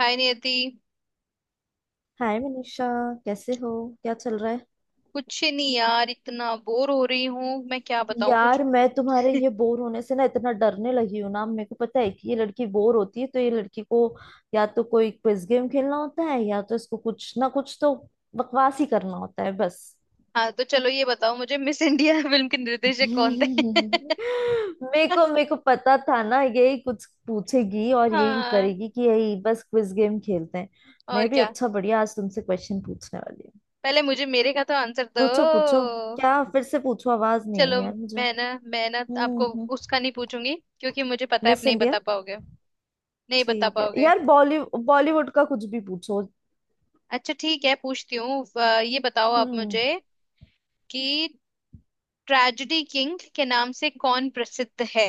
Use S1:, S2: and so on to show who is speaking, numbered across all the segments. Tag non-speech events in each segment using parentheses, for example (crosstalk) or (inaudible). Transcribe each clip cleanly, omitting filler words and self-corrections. S1: हाय Niyati.
S2: Hi Manisha. कैसे हो? क्या चल रहा है?
S1: कुछ नहीं यार, इतना बोर हो रही हूँ, मैं क्या बताऊँ कुछ।
S2: यार मैं तुम्हारे ये बोर होने से ना इतना डरने लगी हूँ ना। मेरे को पता है कि ये लड़की बोर होती है तो ये लड़की को या तो कोई क्विज गेम खेलना होता है या तो इसको कुछ ना कुछ तो बकवास ही करना होता है बस।
S1: हाँ, तो चलो, ये बताओ मुझे मिस इंडिया (laughs) फिल्म के
S2: (laughs)
S1: निर्देशक कौन थे?
S2: मेरे को पता था ना यही कुछ पूछेगी और
S1: (laughs)
S2: यही
S1: हाँ।
S2: करेगी कि यही बस क्विज गेम खेलते हैं।
S1: और
S2: मैं भी
S1: क्या?
S2: अच्छा बढ़िया, आज तुमसे क्वेश्चन पूछने वाली हूँ।
S1: पहले मुझे मेरे का तो आंसर दो।
S2: पूछो पूछो। क्या फिर से पूछो, आवाज नहीं आई
S1: चलो,
S2: यार मुझे।
S1: मैं ना मैं ना आपको
S2: हम्म।
S1: उसका नहीं पूछूंगी, क्योंकि मुझे पता है आप
S2: मिस
S1: नहीं
S2: इंडिया?
S1: बता पाओगे। नहीं बता
S2: ठीक है
S1: पाओगे।
S2: यार, बॉलीवुड बॉलीवुड का कुछ भी पूछो।
S1: अच्छा ठीक है, पूछती हूँ। ये बताओ आप
S2: हम्म।
S1: मुझे कि ट्रेजेडी किंग के नाम से कौन प्रसिद्ध है।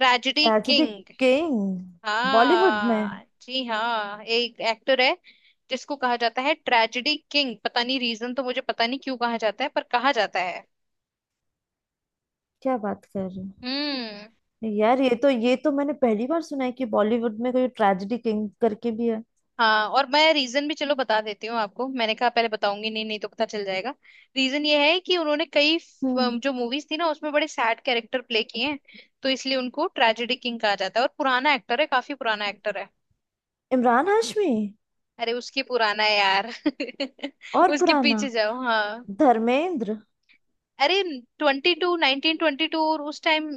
S1: Tragedy
S2: tragic
S1: king.
S2: King? Bollywood में?
S1: हाँ जी हाँ, एक एक्टर है जिसको कहा जाता है ट्रेजेडी किंग। पता नहीं रीजन, तो मुझे पता नहीं क्यों कहा जाता है, पर कहा जाता है।
S2: क्या बात कर रहे
S1: हम्म।
S2: हो यार, ये तो मैंने पहली बार सुना है कि बॉलीवुड में कोई ट्रेजेडी किंग करके भी है।
S1: हाँ, और मैं रीजन भी चलो बता देती हूँ आपको। मैंने कहा पहले बताऊंगी नहीं, नहीं तो पता चल जाएगा। रीजन ये है कि उन्होंने कई
S2: हम्म।
S1: जो मूवीज थी ना, उसमें बड़े सैड कैरेक्टर प्ले किए हैं। तो इसलिए उनको ट्रेजेडी किंग कहा जाता है। और पुराना एक्टर है, काफी पुराना एक्टर है।
S2: इमरान हाशमी।
S1: अरे, उसकी पुराना है यार (laughs)
S2: और
S1: उसके
S2: पुराना?
S1: पीछे जाओ। हाँ,
S2: धर्मेंद्र।
S1: अरे, 22 1922, और उस टाइम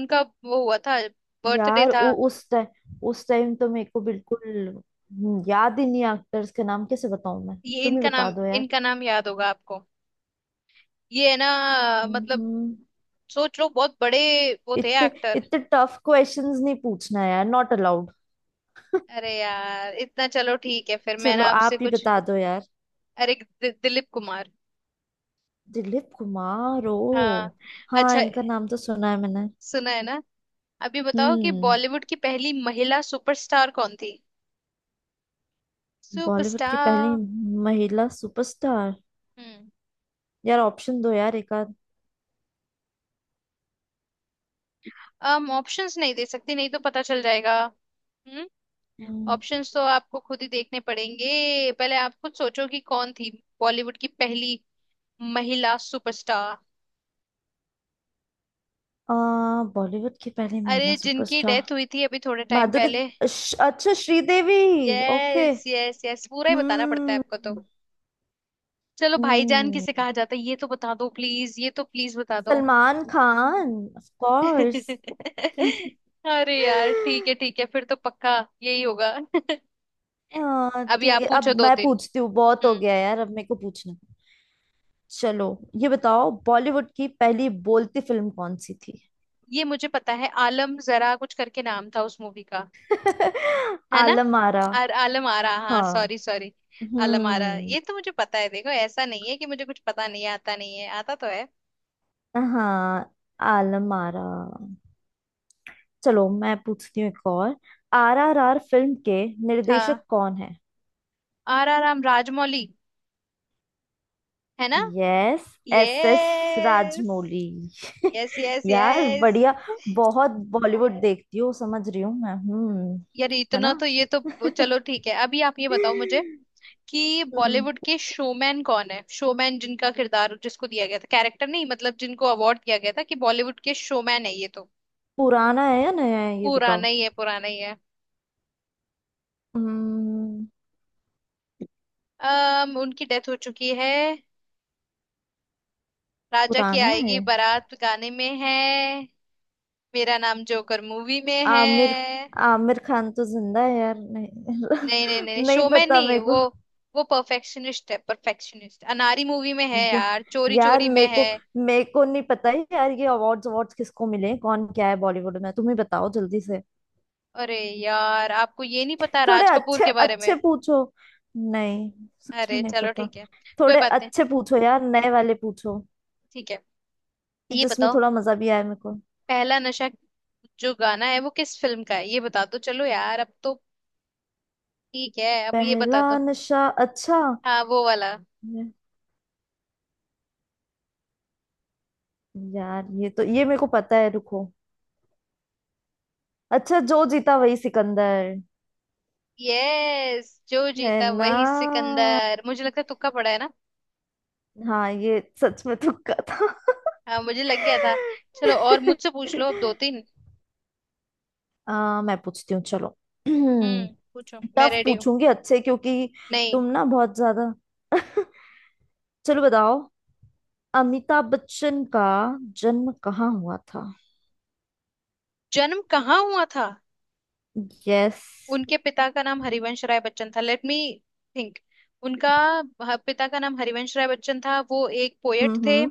S1: उनका वो हुआ था, बर्थडे
S2: यार
S1: था।
S2: वो उस टाइम, तो मेरे को बिल्कुल, याद ही नहीं, एक्टर्स के नाम कैसे बताऊं मैं?
S1: ये
S2: तुम ही
S1: इनका नाम,
S2: बता दो यार।
S1: इनका नाम याद होगा आपको, ये है ना। मतलब,
S2: हम्म।
S1: सोच लो, बहुत बड़े वो थे
S2: इतने
S1: एक्टर।
S2: इतने टफ क्वेश्चंस नहीं पूछना यार, नॉट अलाउड।
S1: अरे यार, इतना चलो ठीक है, फिर मैं
S2: चलो
S1: ना आपसे
S2: आप ही
S1: कुछ।
S2: बता दो यार।
S1: अरे, दिलीप कुमार।
S2: दिलीप कुमार, ओ
S1: हाँ।
S2: हाँ,
S1: अच्छा।
S2: इनका नाम तो सुना है मैंने।
S1: सुना है ना? अभी बताओ कि
S2: हम्म।
S1: बॉलीवुड की पहली महिला सुपरस्टार कौन थी।
S2: बॉलीवुड की पहली
S1: सुपरस्टार।
S2: महिला सुपरस्टार?
S1: हम्म।
S2: यार ऑप्शन दो यार एक आध।
S1: हम ऑप्शंस नहीं दे सकती, नहीं तो पता चल जाएगा। हम्म।
S2: हम्म,
S1: ऑप्शंस तो आपको खुद ही देखने पड़ेंगे, पहले आप खुद सोचो कि कौन थी। बॉलीवुड की पहली महिला सुपरस्टार।
S2: आ बॉलीवुड की पहली
S1: अरे,
S2: महिला
S1: जिनकी
S2: सुपरस्टार।
S1: डेथ हुई थी अभी थोड़े टाइम
S2: माधुरी।
S1: पहले।
S2: अच्छा, Sridevi. Okay.
S1: Yes yes yes, पूरा ही बताना पड़ता है
S2: हम्म
S1: आपको तो। चलो, भाईजान किसे
S2: हम्म।
S1: कहा जाता है ये तो बता दो, प्लीज ये तो प्लीज बता दो।
S2: Salman Khan, of course.
S1: (laughs) अरे यार ठीक है
S2: (laughs)
S1: ठीक है, फिर तो पक्का यही होगा (laughs)
S2: हाँ
S1: अभी
S2: ठीक
S1: आप
S2: है,
S1: पूछो
S2: अब
S1: दो
S2: मैं
S1: तीन।
S2: पूछती हूँ, बहुत हो
S1: हम्म।
S2: गया यार, अब मेरे को पूछना। चलो ये बताओ, बॉलीवुड की पहली बोलती फिल्म कौन सी थी?
S1: ये मुझे पता है, आलम जरा कुछ करके नाम था उस मूवी का,
S2: (laughs)
S1: है ना।
S2: आलम आरा।
S1: और आलम आरा, हाँ,
S2: हाँ।
S1: Sorry sorry, Alam Ara.
S2: हम्म।
S1: ये तो मुझे पता है, देखो ऐसा नहीं है कि मुझे कुछ पता नहीं है, आता नहीं है, आता तो है।
S2: हाँ, आलम आरा। चलो मैं पूछती हूँ एक और, आरआरआर फिल्म के निर्देशक
S1: हाँ,
S2: कौन है?
S1: RR राम राजमौली, है ना?
S2: Yes, S S
S1: yes
S2: Rajamouli.
S1: Yes
S2: (laughs)
S1: yes.
S2: यार
S1: यस
S2: बढ़िया, बहुत बॉलीवुड देखती हूँ, समझ रही हूँ मैं। हम्म।
S1: यार,
S2: है
S1: इतना
S2: ना?
S1: तो, ये तो
S2: (laughs)
S1: चलो ठीक है, अभी आप ये बताओ मुझे
S2: (laughs)
S1: कि
S2: हम्म,
S1: बॉलीवुड के शोमैन कौन है। शोमैन जिनका किरदार जिसको दिया गया था, कैरेक्टर नहीं मतलब, जिनको अवार्ड दिया गया था कि बॉलीवुड के शोमैन है, ये तो
S2: पुराना है या नया है ये बताओ।
S1: पुराना ही है पुराना ही है।
S2: हम्म,
S1: अम उनकी डेथ हो चुकी है। राजा की
S2: पुराना है।
S1: आएगी बारात गाने में है। मेरा नाम जोकर मूवी में है।
S2: आमिर आमिर खान तो जिंदा है यार,
S1: नहीं नहीं नहीं,
S2: नहीं (laughs) नहीं
S1: शोमैन
S2: पता
S1: नहीं
S2: मेरे
S1: वो,
S2: को।
S1: वो परफेक्शनिस्ट है परफेक्शनिस्ट। अनारी मूवी में है
S2: या,
S1: यार, चोरी
S2: यार
S1: चोरी में
S2: मेरे
S1: है।
S2: को, नहीं पता है यार, ये अवार्ड्स अवार्ड्स किसको मिले, कौन क्या है बॉलीवुड में, तुम ही बताओ जल्दी से।
S1: अरे यार, आपको ये नहीं पता
S2: थोड़े
S1: राज कपूर
S2: अच्छे
S1: के बारे में।
S2: अच्छे पूछो। नहीं, सच
S1: अरे
S2: में नहीं
S1: चलो
S2: पता।
S1: ठीक है, कोई
S2: थोड़े
S1: बात नहीं,
S2: अच्छे पूछो यार, नए वाले पूछो,
S1: ठीक है।
S2: कि
S1: ये
S2: जिसमें
S1: बताओ,
S2: थोड़ा मजा भी आए मेरे को।
S1: पहला नशा जो गाना है वो किस फिल्म का है, ये बता दो चलो यार, अब तो ठीक है, अब ये
S2: पहला
S1: बता दो।
S2: नशा? अच्छा।
S1: हाँ, वो वाला।
S2: यार ये तो ये मेरे को पता है, रुको। अच्छा, जो जीता वही सिकंदर।
S1: यस, जो
S2: है
S1: जीता
S2: ना?
S1: वही सिकंदर। मुझे लगता है तुक्का पड़ा है ना।
S2: हाँ, ये सच में तुक्का था।
S1: हाँ, मुझे लग गया था। चलो और मुझसे पूछ
S2: (laughs)
S1: लो अब दो तीन।
S2: मैं पूछती हूँ, चलो।
S1: हम्म,
S2: (clears throat)
S1: पूछो, मैं
S2: टफ
S1: रेडी हूँ।
S2: पूछूंगी अच्छे, क्योंकि
S1: नहीं।
S2: तुम ना बहुत ज्यादा। चलो बताओ, अमिताभ बच्चन का जन्म कहाँ हुआ था?
S1: जन्म कहाँ हुआ था?
S2: यस।
S1: उनके पिता का नाम हरिवंश राय बच्चन था, लेट मी थिंक। उनका पिता का नाम हरिवंश राय बच्चन था, वो एक पोएट थे।
S2: हम्म।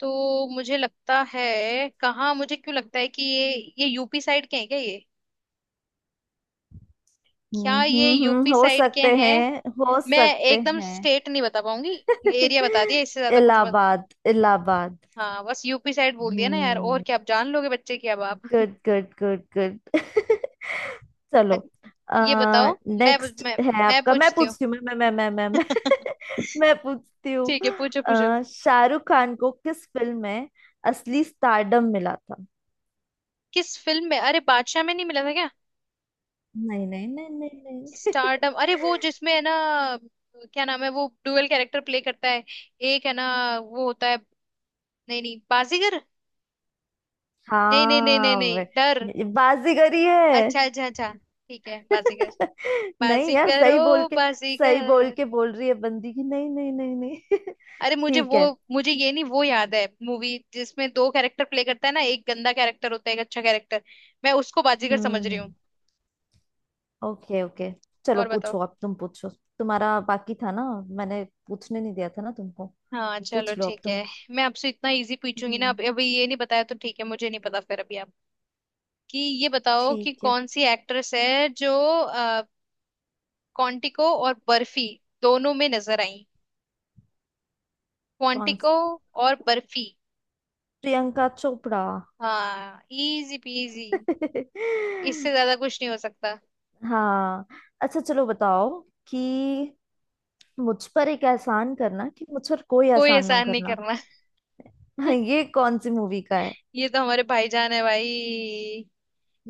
S1: तो मुझे लगता है कहाँ, मुझे क्यों लगता है कि ये यूपी साइड के हैं क्या, ये, क्या ये यूपी
S2: हो
S1: साइड के
S2: सकते
S1: हैं।
S2: हैं, हो
S1: मैं
S2: सकते
S1: एकदम
S2: हैं।
S1: स्टेट नहीं बता पाऊंगी, एरिया बता दिया,
S2: (laughs)
S1: इससे ज्यादा कुछ मत।
S2: इलाहाबाद। इलाहाबाद।
S1: हाँ, बस यूपी साइड बोल दिया ना यार, और
S2: हम्म।
S1: क्या आप जान लोगे बच्चे की अब आप।
S2: Good good good good. (laughs) चलो।
S1: अच्छ- ये
S2: आ,
S1: बताओ। मैं
S2: नेक्स्ट
S1: मैं
S2: है
S1: मैं
S2: आपका, मैं
S1: पूछती हूँ
S2: पूछती हूँ, मैं।
S1: (laughs)
S2: (laughs) मैं पूछती हूँ,
S1: ठीक है, पूछो पूछो।
S2: शाहरुख खान को किस फिल्म में असली स्टारडम मिला था?
S1: किस फिल्म में, अरे, बादशाह में नहीं मिला था क्या?
S2: नहीं नहीं नहीं नहीं नहीं।
S1: स्टारडम, अरे वो जिसमें है ना, क्या नाम है, वो डुअल कैरेक्टर प्ले करता है, एक है ना, वो होता है, नहीं नहीं बाजीगर।
S2: (laughs)
S1: नहीं नहीं नहीं नहीं
S2: हाँ,
S1: नहीं, डर।
S2: ये बाजीगरी है।
S1: अच्छा अच्छा अच्छा ठीक है, बाजीगर।
S2: (laughs) नहीं यार,
S1: बाजीगर ओ।
S2: सही
S1: बाजीगर।
S2: बोल के बोल रही है बंदी की, नहीं नहीं नहीं नहीं।
S1: अरे
S2: (laughs)
S1: मुझे
S2: ठीक
S1: वो,
S2: है।
S1: मुझे ये नहीं, वो याद है मूवी जिसमें दो कैरेक्टर प्ले करता है ना, एक गंदा कैरेक्टर होता है एक अच्छा कैरेक्टर, मैं उसको बाजीगर समझ रही
S2: हम्म।
S1: हूँ।
S2: Okay okay. चलो
S1: और बताओ।
S2: पूछो, अब तुम पूछो, तुम्हारा बाकी था ना, मैंने पूछने नहीं दिया था ना तुमको।
S1: हाँ चलो
S2: पूछ लो अब
S1: ठीक है,
S2: तुम।
S1: मैं आपसे इतना इजी पूछूंगी ना,
S2: हम्म।
S1: अब अभी ये नहीं बताया तो ठीक है, मुझे नहीं पता। फिर अभी आप, कि ये बताओ कि
S2: ठीक है।
S1: कौन सी एक्ट्रेस है जो अ, क्वांटिको और बर्फी दोनों में नजर आई।
S2: कौन?
S1: क्वांटिको और बर्फी।
S2: प्रियंका चोपड़ा।
S1: हाँ, इजी पीजी, इससे
S2: (laughs)
S1: ज्यादा कुछ नहीं हो सकता।
S2: हाँ। अच्छा चलो बताओ कि मुझ पर एक एहसान करना कि मुझ पर कोई
S1: कोई
S2: एहसान ना
S1: एहसान नहीं
S2: करना।
S1: करना।
S2: (laughs)
S1: (laughs)
S2: ये कौन सी मूवी का है?
S1: ये तो हमारे भाईजान है भाई,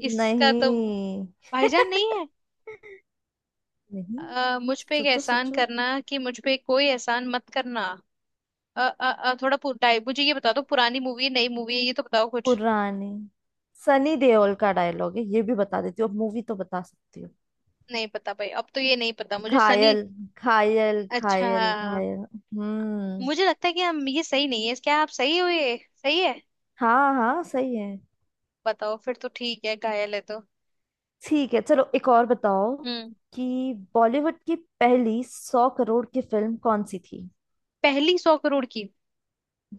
S1: इसका तो,
S2: नहीं।
S1: भाईजान नहीं है।
S2: नहीं,
S1: मुझ पे एक
S2: सोचो
S1: एहसान
S2: सोचो।
S1: करना कि मुझ पे कोई एहसान मत करना। थोड़ा पुराई मुझे ये बता दो, पुरानी मूवी है नई मूवी है, ये तो बताओ कुछ।
S2: पुरानी। सनी देओल का डायलॉग है, ये भी बता देती हूँ, अब मूवी तो बता सकती हूँ।
S1: नहीं पता भाई, अब तो ये नहीं पता मुझे सनी।
S2: घायल। घायल
S1: अच्छा,
S2: घायल घायल। हम्म।
S1: मुझे लगता है कि हम ये सही नहीं है क्या, आप सही हो, ये सही है।
S2: हाँ हाँ, सही है।
S1: बताओ, फिर तो ठीक है, घायल है तो।
S2: ठीक है चलो, एक और बताओ
S1: हम्म।
S2: कि बॉलीवुड की पहली 100 करोड़ की फिल्म कौन सी थी?
S1: पहली 100 करोड़ की।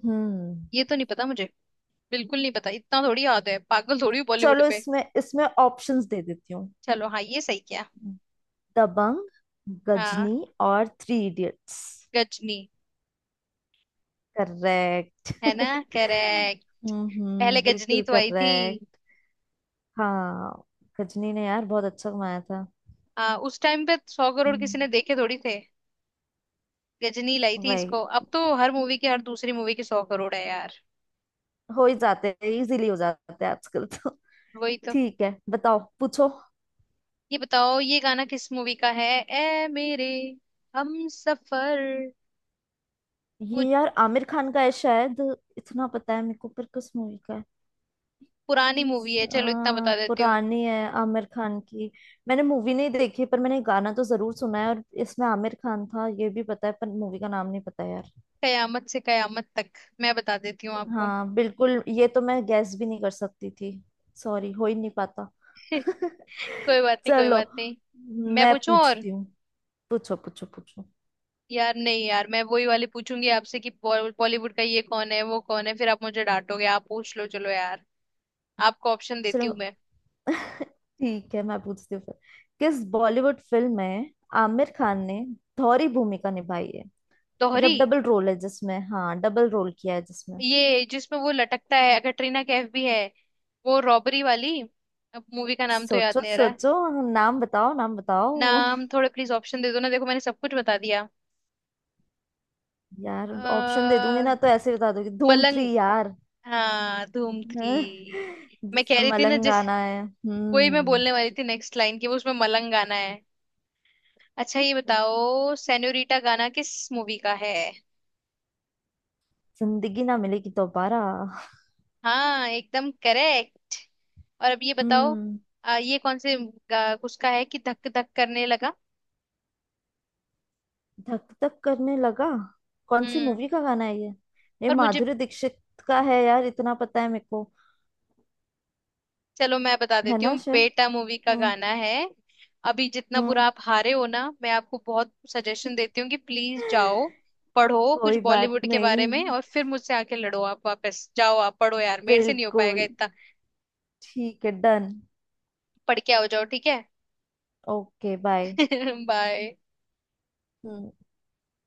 S2: हम्म।
S1: ये तो नहीं पता मुझे, बिल्कुल नहीं पता, इतना थोड़ी याद है, पागल थोड़ी हूँ बॉलीवुड
S2: चलो
S1: पे।
S2: इसमें इसमें ऑप्शंस दे देती हूँ।
S1: चलो हाँ, ये सही किया।
S2: दबंग,
S1: हाँ।
S2: गजनी और थ्री इडियट्स।
S1: गजनी।
S2: करेक्ट।
S1: है ना,
S2: (laughs)
S1: करेक्ट। पहले
S2: हम्म,
S1: गजनी
S2: बिल्कुल
S1: तो आई थी।
S2: करेक्ट। हाँ। गजनी ने यार बहुत अच्छा कमाया था।
S1: उस टाइम पे 100 करोड़ किसी ने
S2: हम्म।
S1: देखे थोड़ी थे। गजनी लाई थी
S2: वही,
S1: इसको, अब तो हर मूवी के, हर दूसरी मूवी के 100 करोड़ है यार।
S2: हो ही जाते हैं, इजीली हो जाते हैं आजकल तो।
S1: वही तो।
S2: ठीक है, बताओ, पूछो।
S1: ये बताओ ये गाना किस मूवी का है, ए मेरे हम सफर।
S2: ये यार आमिर खान का है शायद, इतना पता है मेरे को, पर किस मूवी का है?
S1: पुरानी मूवी है, चलो इतना बता देती हूँ।
S2: पुरानी है, आमिर खान की। मैंने मूवी नहीं देखी पर मैंने गाना तो जरूर सुना है, और इसमें आमिर खान था ये भी पता है, पर मूवी का नाम नहीं पता यार।
S1: कयामत से कयामत तक, मैं बता देती हूँ आपको।
S2: हाँ बिल्कुल, ये तो मैं गैस भी नहीं कर सकती थी। सॉरी, हो ही नहीं पाता। (laughs)
S1: (laughs) कोई बात नहीं कोई
S2: चलो
S1: बात नहीं। मैं
S2: मैं
S1: पूछूं और।
S2: पूछती हूँ। पूछो पूछो पूछो।
S1: यार नहीं यार, मैं वही वाली पूछूंगी आपसे कि बॉलीवुड का ये कौन है वो कौन है, फिर आप मुझे डांटोगे, आप पूछ लो चलो यार, आपको ऑप्शन देती
S2: चलो
S1: हूँ मैं।
S2: ठीक है, मैं पूछती हूँ फिर, किस बॉलीवुड फिल्म में आमिर खान ने धौरी भूमिका निभाई है?
S1: दोहरी।
S2: मतलब डबल रोल है जिसमें, हाँ डबल रोल किया है जिसमें।
S1: ये जिसमें वो लटकता है, कटरीना कैफ भी है, वो रॉबरी वाली, अब मूवी का नाम तो याद
S2: सोचो
S1: नहीं आ रहा है।
S2: सोचो। नाम बताओ, नाम बताओ।
S1: नाम थोड़े, प्लीज ऑप्शन दे दो ना, देखो मैंने सब कुछ बता दिया।
S2: (laughs) यार
S1: अ,
S2: ऑप्शन दे दूंगी ना तो ऐसे बता दोगे, धूम
S1: मलंग।
S2: थ्री यार।
S1: हाँ,
S2: (laughs)
S1: धूम 3।
S2: हाँ,
S1: मैं कह
S2: जिसमें
S1: रही थी ना,
S2: मलंग
S1: जैसे
S2: गाना है।
S1: वही मैं
S2: हम्म।
S1: बोलने वाली थी नेक्स्ट लाइन की, वो उसमें मलंग गाना है। अच्छा ये बताओ, सेन्योरिटा गाना किस मूवी का है?
S2: जिंदगी ना मिलेगी दोबारा।
S1: हाँ, एकदम करेक्ट। और अब ये बताओ,
S2: हम्म।
S1: ये कौन से उसका है कि धक धक करने लगा।
S2: धक धक करने लगा, कौन सी
S1: हम्म।
S2: मूवी का गाना है ये? ये
S1: और मुझे,
S2: माधुरी दीक्षित का है यार, इतना पता है मेरे को।
S1: चलो मैं बता
S2: है
S1: देती
S2: ना?
S1: हूँ,
S2: श्योर।
S1: बेटा मूवी का
S2: हम्म
S1: गाना है। अभी जितना बुरा
S2: हम्म।
S1: आप हारे हो ना, मैं आपको बहुत सजेशन देती हूँ कि प्लीज जाओ, पढ़ो कुछ
S2: कोई बात
S1: बॉलीवुड के बारे
S2: नहीं।
S1: में और फिर मुझसे आके लड़ो। आप वापस जाओ, आप पढ़ो यार, मेरे से नहीं हो पाएगा
S2: बिल्कुल।
S1: इतना।
S2: ठीक है, डन।
S1: पढ़ के आओ जाओ, ठीक है।
S2: Okay bye.
S1: (laughs) बाय।
S2: हम्म।